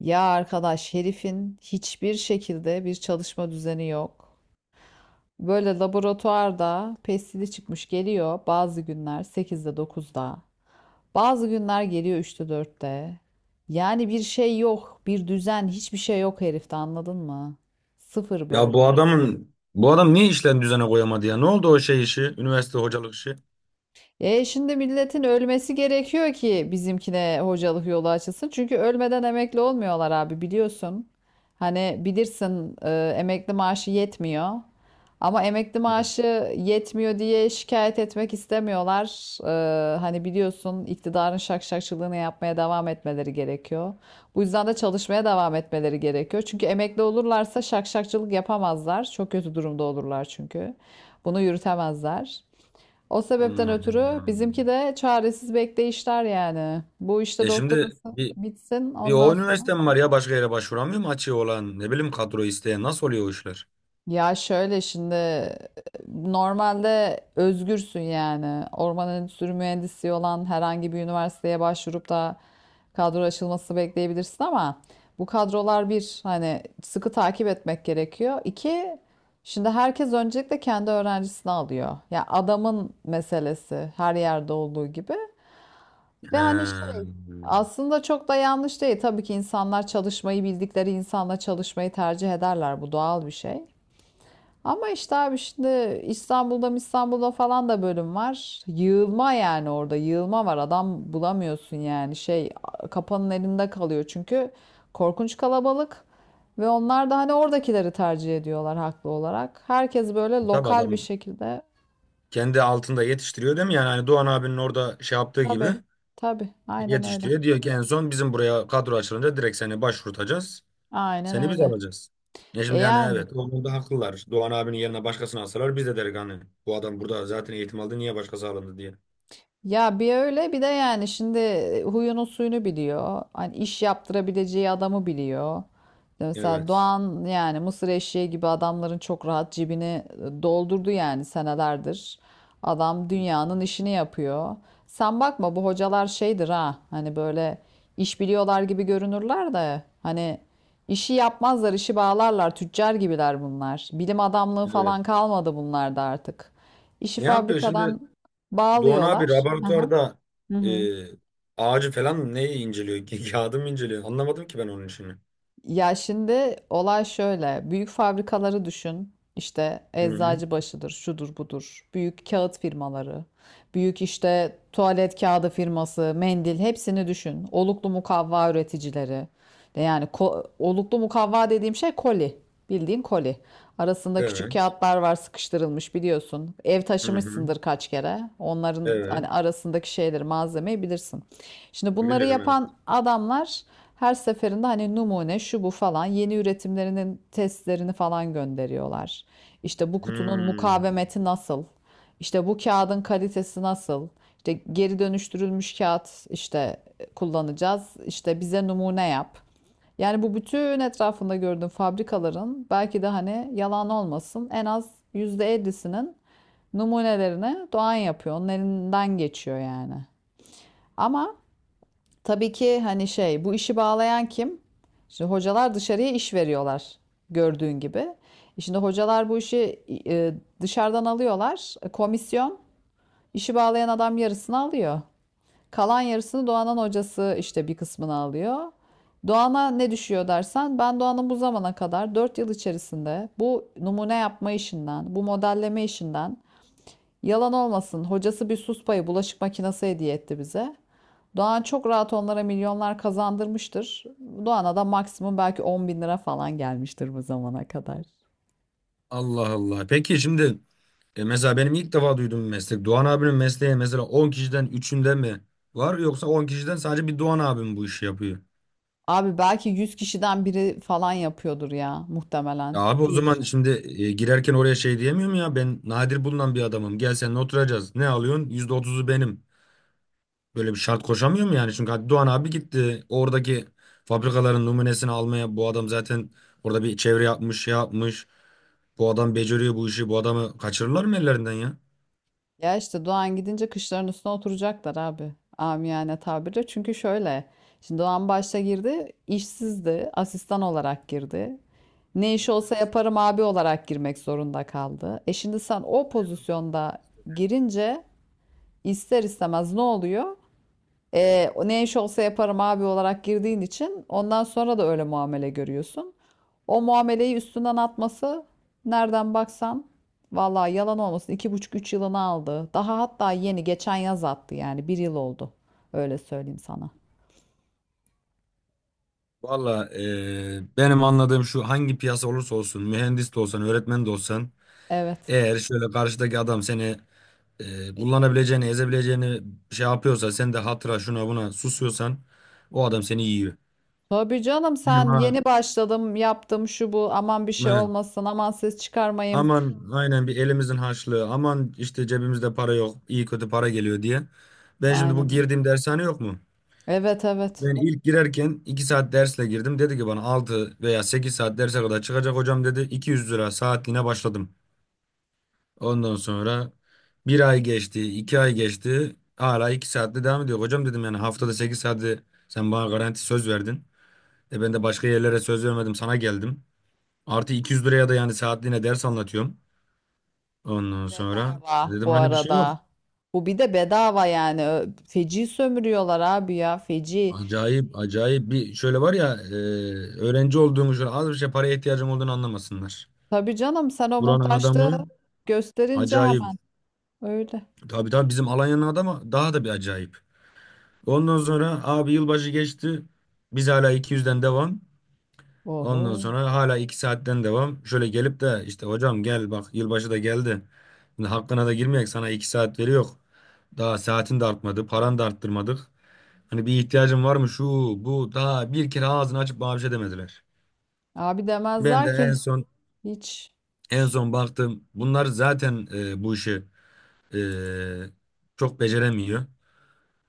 Ya arkadaş herifin hiçbir şekilde bir çalışma düzeni yok. Böyle laboratuvarda pestili çıkmış geliyor bazı günler sekizde dokuzda, bazı günler geliyor üçte dörtte. Yani bir şey yok, bir düzen, hiçbir şey yok herifte anladın mı? Sıfır Ya böyle. Bu adam niye işlerini düzene koyamadı ya? Ne oldu o şey işi? Üniversite hocalık işi. E şimdi milletin ölmesi gerekiyor ki bizimkine hocalık yolu açılsın. Çünkü ölmeden emekli olmuyorlar abi biliyorsun. Hani bilirsin emekli maaşı yetmiyor. Ama emekli Evet. maaşı yetmiyor diye şikayet etmek istemiyorlar. E, hani biliyorsun iktidarın şakşakçılığını yapmaya devam etmeleri gerekiyor. Bu yüzden de çalışmaya devam etmeleri gerekiyor. Çünkü emekli olurlarsa şakşakçılık yapamazlar. Çok kötü durumda olurlar çünkü. Bunu yürütemezler. O sebepten ötürü bizimki Allah'ım. de çaresiz bekleyişler yani. Bu işte E şimdi doktorası bir, bitsin bir o ondan sonra. üniversite mi var ya başka yere başvuramıyor mu açığı olan ne bileyim kadro isteyen nasıl oluyor o işler? Ya şöyle şimdi normalde özgürsün yani. Orman Endüstri Mühendisliği olan herhangi bir üniversiteye başvurup da kadro açılması bekleyebilirsin ama bu kadrolar bir hani sıkı takip etmek gerekiyor. İki şimdi herkes öncelikle kendi öğrencisini alıyor. Ya adamın meselesi her yerde olduğu gibi. Ve He. hani şey aslında çok da yanlış değil. Tabii ki insanlar çalışmayı bildikleri insanla çalışmayı tercih ederler. Bu doğal bir şey. Ama işte abi şimdi İstanbul'da falan da bölüm var. Yığılma yani orada yığılma var. Adam bulamıyorsun yani şey kapanın elinde kalıyor çünkü korkunç kalabalık. Ve onlar da hani oradakileri tercih ediyorlar haklı olarak. Herkes böyle Tabii lokal bir adam şekilde. kendi altında yetiştiriyor değil mi? Yani hani Doğan abinin orada şey yaptığı gibi Tabii tabii aynen öyle. yetiştiriyor. Diyor ki en son bizim buraya kadro açılınca direkt seni başvurtacağız. Aynen Seni biz öyle. alacağız. Ya E şimdi yani yani. evet o konuda haklılar. Doğan abinin yerine başkasını alsalar biz de deriz hani bu adam burada zaten eğitim aldı niye başkası alındı diye. Ya bir öyle bir de yani şimdi huyunun suyunu biliyor. Hani iş yaptırabileceği adamı biliyor. Mesela Evet. Doğan yani mısır eşeği gibi adamların çok rahat cebini doldurdu yani senelerdir. Adam dünyanın işini yapıyor. Sen bakma bu hocalar şeydir ha hani böyle iş biliyorlar gibi görünürler de hani işi yapmazlar işi bağlarlar tüccar gibiler bunlar. Bilim adamlığı Evet. falan kalmadı bunlarda artık. İşi Ne yapıyor fabrikadan şimdi Doğan abi bağlıyorlar. Hı hı. laboratuvarda Hı e, hı. ağacı falan neyi inceliyor? Kağıdı mı inceliyor? Anlamadım ki ben onun işini. Ya şimdi olay şöyle. Büyük fabrikaları düşün. İşte Hı hı. Eczacıbaşı'dır, şudur budur. Büyük kağıt firmaları, büyük işte tuvalet kağıdı firması, mendil hepsini düşün. Oluklu mukavva üreticileri. Yani oluklu mukavva dediğim şey koli. Bildiğin koli. Arasında küçük Evet. kağıtlar var sıkıştırılmış biliyorsun. Ev Hı hı. taşımışsındır kaç kere. Onların Evet. hani arasındaki şeyleri, malzemeyi bilirsin. Şimdi bunları Bilirim evet. yapan adamlar her seferinde hani numune şu bu falan yeni üretimlerinin testlerini falan gönderiyorlar. İşte bu kutunun Hmm. mukavemeti nasıl? İşte bu kağıdın kalitesi nasıl? İşte geri dönüştürülmüş kağıt işte kullanacağız. İşte bize numune yap. Yani bu bütün etrafında gördüğün fabrikaların belki de hani yalan olmasın en az %50'sinin numunelerini Doğan yapıyor. Onun elinden geçiyor yani. Ama tabii ki hani şey bu işi bağlayan kim? Şimdi hocalar dışarıya iş veriyorlar gördüğün gibi. E şimdi hocalar bu işi e, dışarıdan alıyorlar. E, komisyon işi bağlayan adam yarısını alıyor. Kalan yarısını Doğan'ın hocası işte bir kısmını alıyor. Doğan'a ne düşüyor dersen ben Doğan'ın bu zamana kadar 4 yıl içerisinde bu numune yapma işinden, bu modelleme işinden yalan olmasın hocası bir sus payı bulaşık makinesi hediye etti bize. Doğan çok rahat onlara milyonlar kazandırmıştır. Doğan'a da maksimum belki 10 bin lira falan gelmiştir bu zamana kadar. Allah Allah. Peki şimdi E mesela benim ilk defa duyduğum bir meslek. Doğan abinin mesleği mesela 10 kişiden üçünde mi var yoksa 10 kişiden sadece bir Doğan abim bu işi yapıyor? Abi belki 100 kişiden biri falan yapıyordur ya muhtemelen Ya abi o diye zaman düşün. şimdi girerken oraya şey diyemiyorum ya ben nadir bulunan bir adamım. Gel seninle oturacağız. Ne alıyorsun? %30'u benim. Böyle bir şart koşamıyorum yani. Çünkü hadi Doğan abi gitti. Oradaki fabrikaların numunesini almaya bu adam zaten orada bir çevre yapmış, şey yapmış. Bu adam beceriyor bu işi. Bu adamı kaçırırlar mı ellerinden ya? Ya işte Doğan gidince kışların üstüne oturacaklar abi. Amiyane tabirle. Çünkü şöyle. Şimdi Doğan başta girdi. İşsizdi. Asistan olarak girdi. Ne iş olsa Evet. yaparım abi olarak girmek zorunda kaldı. E şimdi sen o pozisyonda girince ister istemez ne oluyor? E, ne iş olsa yaparım abi olarak girdiğin için ondan sonra da öyle muamele görüyorsun. O muameleyi üstünden atması nereden baksan vallahi yalan olmasın iki buçuk üç yılını aldı. Daha hatta yeni geçen yaz attı yani bir yıl oldu. Öyle söyleyeyim sana. Valla benim anladığım şu hangi piyasa olursa olsun mühendis de olsan öğretmen de olsan Evet. eğer şöyle karşıdaki adam seni kullanabileceğini ezebileceğini şey yapıyorsa sen de hatıra şuna buna susuyorsan o adam seni yiyor. Tabii canım Benim sen yeni başladım yaptım şu bu aman bir şey ha, olmasın aman ses çıkarmayayım. aman aynen bir elimizin harçlığı aman işte cebimizde para yok iyi kötü para geliyor diye. Ben şimdi Aynen bu öyle. girdiğim dershane yok mu? Evet evet. Ben ilk girerken 2 saat dersle girdim. Dedi ki bana 6 veya 8 saat derse kadar çıkacak hocam dedi. 200 lira saatliğine başladım. Ondan sonra bir ay geçti, iki ay geçti. Hala iki saatte devam ediyor. Hocam dedim yani haftada sekiz saati sen bana garanti söz verdin. E ben de başka yerlere söz vermedim sana geldim. Artı 200 liraya da yani saatliğine ders anlatıyorum. Ondan sonra Bedava dedim bu hani bir şey yok. arada. Bu bir de bedava yani. Feci sömürüyorlar abi ya feci. Acayip acayip bir şöyle var ya öğrenci olduğumu şöyle az bir şey paraya ihtiyacım olduğunu anlamasınlar. Tabii canım sen o Buranın muhtaçlığı adamı gösterince acayip. hemen öyle. Tabii tabii bizim Alanya'nın adamı daha da bir acayip. Ondan sonra abi yılbaşı geçti. Biz hala 200'den devam. Ondan Oho. sonra hala 2 saatten devam. Şöyle gelip de işte hocam gel bak yılbaşı da geldi. Şimdi hakkına da girmeyek sana 2 saat veriyor. Daha saatin de artmadı. Paran da arttırmadık. Hani bir ihtiyacın var mı şu bu daha bir kere ağzını açıp bana bir şey demediler. Abi Ben de demezler en ki son hiç. en son baktım. Bunlar zaten bu işi e, çok beceremiyor.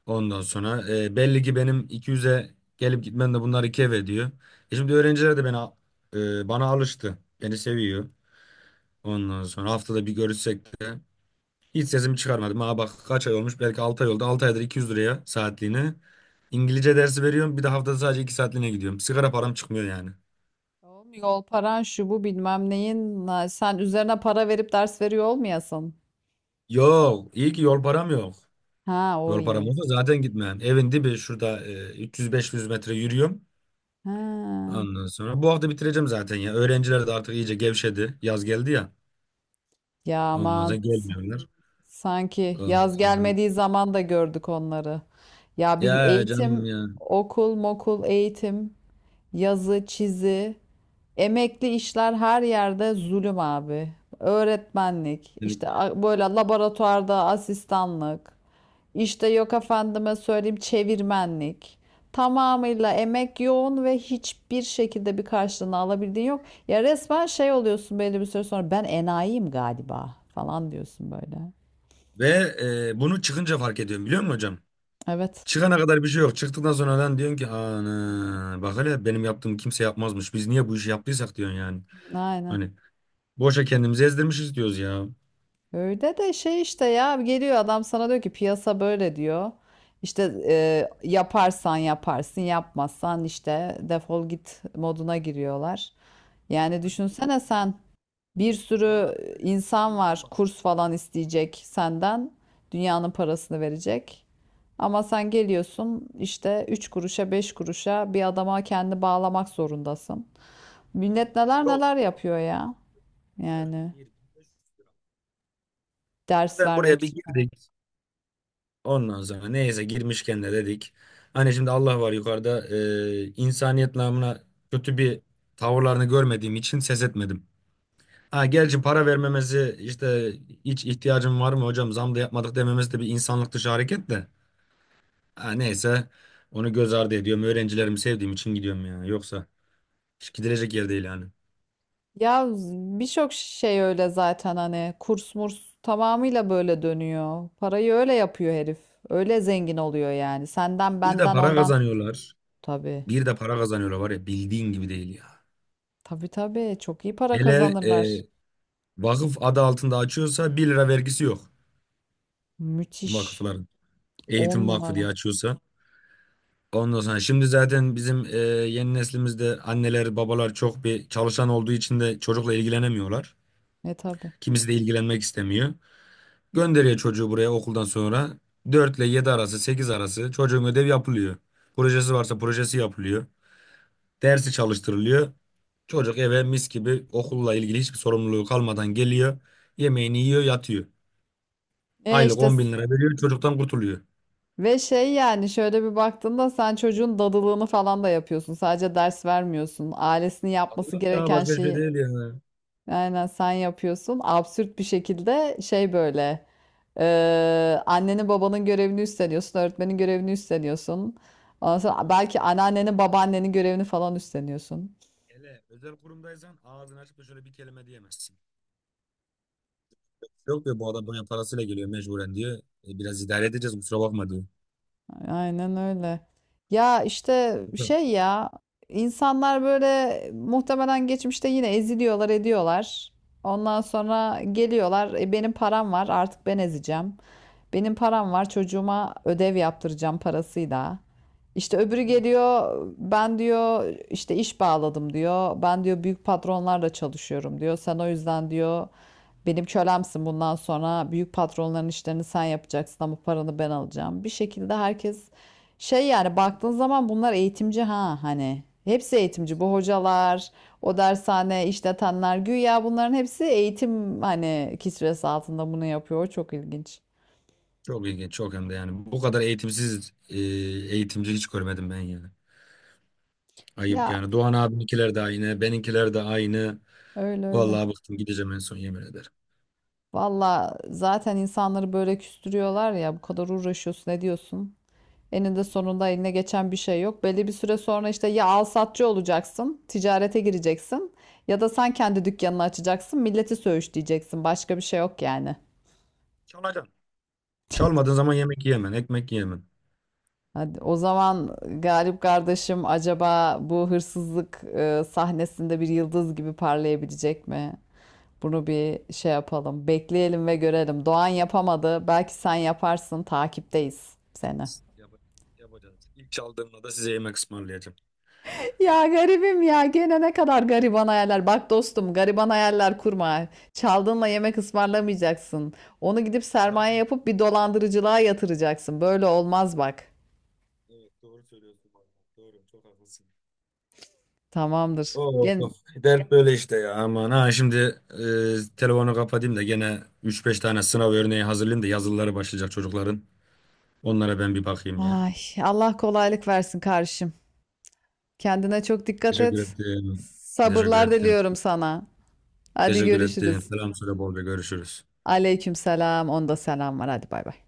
Ondan sonra belli ki benim 200'e gelip gitmem de bunlar 2 ev ediyor. E şimdi öğrenciler de beni bana alıştı. Beni seviyor. Ondan sonra haftada bir görüşsek de hiç sesimi çıkarmadım. Ha bak kaç ay olmuş belki 6 ay oldu. 6 aydır 200 liraya saatliğine. İngilizce dersi veriyorum. Bir de haftada sadece 2 saatliğine gidiyorum. Sigara param çıkmıyor yani. Oğlum yol paran şu bu bilmem neyin. Sen üzerine para verip ders veriyor olmayasın. Yok iyi ki yol param yok. Ha o Yol param iyi. olsa zaten gitmem. Evin dibi şurada 300-500 metre yürüyorum. Ha. Ondan sonra bu hafta bitireceğim zaten ya. Öğrenciler de artık iyice gevşedi. Yaz geldi ya. Ya Ondan sonra aman gelmiyorlar. sanki Ondan yaz sonra. gelmediği zaman da gördük onları. Ya bilmem Ya canım eğitim, ya. okul, mokul, eğitim, yazı, çizi, emekli işler her yerde zulüm abi. Öğretmenlik, işte Kesinlikle ya. Böyle laboratuvarda asistanlık. İşte yok efendime söyleyeyim çevirmenlik. Tamamıyla emek yoğun ve hiçbir şekilde bir karşılığını alabildiğin yok. Ya resmen şey oluyorsun belli bir süre sonra ben enayiyim galiba falan diyorsun böyle. Ve bunu çıkınca fark ediyorum biliyor musun hocam? Evet, Çıkana kadar bir şey yok. Çıktıktan sonra lan diyorsun ki ana bak hele benim yaptığım kimse yapmazmış. Biz niye bu işi yaptıysak diyorsun yani. aynen. Hani boşa kendimizi ezdirmişiz diyoruz ya. Öyle de şey işte ya geliyor adam sana diyor ki piyasa böyle diyor. İşte yaparsan yaparsın yapmazsan işte defol git moduna giriyorlar. Yani Halbuki bak düşünsene sen bir Doğan sürü abi böyle bir insan güzelliği var kalmadı ya. kurs falan isteyecek senden. Dünyanın parasını verecek. Ama sen geliyorsun işte 3 kuruşa 5 kuruşa bir adama kendi bağlamak zorundasın. Vallahi Millet öyle. neler Yok ya. neler yapıyor ya. Evet. Yani ders Ben vermek buraya bir için. girdik. Ondan sonra neyse girmişken de dedik. Hani şimdi Allah var yukarıda insaniyet namına kötü bir tavırlarını görmediğim için ses etmedim. Ha gerçi para vermemesi işte hiç ihtiyacım var mı hocam zam da yapmadık dememesi de bir insanlık dışı hareket de. Ha neyse onu göz ardı ediyorum. Öğrencilerimi sevdiğim için gidiyorum ya. Yoksa hiç gidilecek yer değil yani. Ya birçok şey öyle zaten hani kurs murs tamamıyla böyle dönüyor. Parayı öyle yapıyor herif. Öyle zengin oluyor yani. Senden Bir de benden para ondan. kazanıyorlar. Tabii. Bir de para kazanıyorlar var ya bildiğin gibi değil ya. Tabii tabii çok iyi para Hele kazanırlar. Vakıf adı altında açıyorsa bir lira vergisi yok Müthiş. vakıfların. On Eğitim Vakfı diye numara. açıyorsa. Ondan sonra şimdi zaten bizim yeni neslimizde anneler babalar çok bir çalışan olduğu için de çocukla ilgilenemiyorlar. E tabii. Kimisi de ilgilenmek istemiyor. Gönderiyor çocuğu buraya okuldan sonra 4 ile 7 arası 8 arası çocuğun ödev yapılıyor. Projesi varsa projesi yapılıyor. Dersi çalıştırılıyor. Çocuk eve mis gibi okulla ilgili hiçbir sorumluluğu kalmadan geliyor. Yemeğini yiyor yatıyor. E Aylık işte on bin lira veriyor çocuktan kurtuluyor. ve şey yani şöyle bir baktığında sen çocuğun dadılığını falan da yapıyorsun. Sadece ders vermiyorsun. Ailesinin yapması Adılık ya gereken başka bir şey şeyi değil yani. aynen sen yapıyorsun. Absürt bir şekilde şey böyle e, annenin babanın görevini üstleniyorsun. Öğretmenin görevini üstleniyorsun. Ondan sonra belki anneannenin babaannenin görevini falan üstleniyorsun. Hele özel kurumdaysan ağzını açıp da şöyle bir kelime diyemezsin. Yok diyor bu adam bana parasıyla geliyor mecburen diyor. E, biraz idare edeceğiz kusura bakma diyor. Aynen öyle. Ya işte Hı. şey ya insanlar böyle muhtemelen geçmişte yine eziliyorlar ediyorlar. Ondan sonra geliyorlar "E, benim param var artık ben ezeceğim. Benim param var çocuğuma ödev yaptıracağım parasıyla. İşte öbürü geliyor ben diyor işte iş bağladım diyor. Ben diyor büyük patronlarla çalışıyorum diyor. Sen o yüzden diyor benim kölemsin bundan sonra büyük patronların işlerini sen yapacaksın ama paranı ben alacağım. Bir şekilde herkes şey yani baktığın zaman bunlar eğitimci ha hani. Hepsi eğitimci bu hocalar, o dershane işletenler güya bunların hepsi eğitim hani kisvesi altında bunu yapıyor. O çok ilginç. Çok ilginç çok hem de yani. Bu kadar eğitimsiz eğitimci hiç görmedim ben yani. Ayıp Ya yani. Doğan abiminkiler de aynı. Beninkiler de aynı. öyle öyle. Vallahi bıktım gideceğim en son yemin ederim. Valla zaten insanları böyle küstürüyorlar ya bu kadar uğraşıyorsun ne diyorsun? Eninde sonunda Evet. eline geçen bir şey yok. Belli bir süre sonra işte ya alsatçı olacaksın, ticarete gireceksin ya da sen kendi dükkanını açacaksın, milleti söğüşleyeceksin. Başka bir şey yok yani. Çalacağım. Çalmadığın zaman yemek yiyemem, ekmek yiyemem. Hadi o zaman Galip kardeşim acaba bu hırsızlık sahnesinde bir yıldız gibi parlayabilecek mi? Bunu bir şey yapalım. Bekleyelim ve görelim. Doğan yapamadı. Belki sen yaparsın. Takipteyiz seni. Yapacağız. Yapacağız. İlk çaldığımda da size yemek ısmarlayacağım. Ya garibim ya gene ne kadar gariban hayaller. Bak dostum gariban hayaller kurma. Çaldığınla yemek ısmarlamayacaksın. Onu gidip sermaye Araba. yapıp bir dolandırıcılığa yatıracaksın. Böyle olmaz bak. Evet doğru söylüyorsun. Doğru çok haklısın. Tamamdır. Oo, Gel. of. Dert böyle işte ya aman ha şimdi telefonu kapatayım da gene üç beş tane sınav örneği hazırlayayım da yazılıları başlayacak çocukların. Onlara ben bir bakayım ya. Ay, Allah kolaylık versin kardeşim. Kendine çok dikkat Teşekkür et. ettim. Teşekkür Sabırlar ettim. diliyorum sana. Hadi Teşekkür ettim. görüşürüz. Selam söyle bolca görüşürüz. Aleyküm selam. Onda selam var. Hadi bay bay.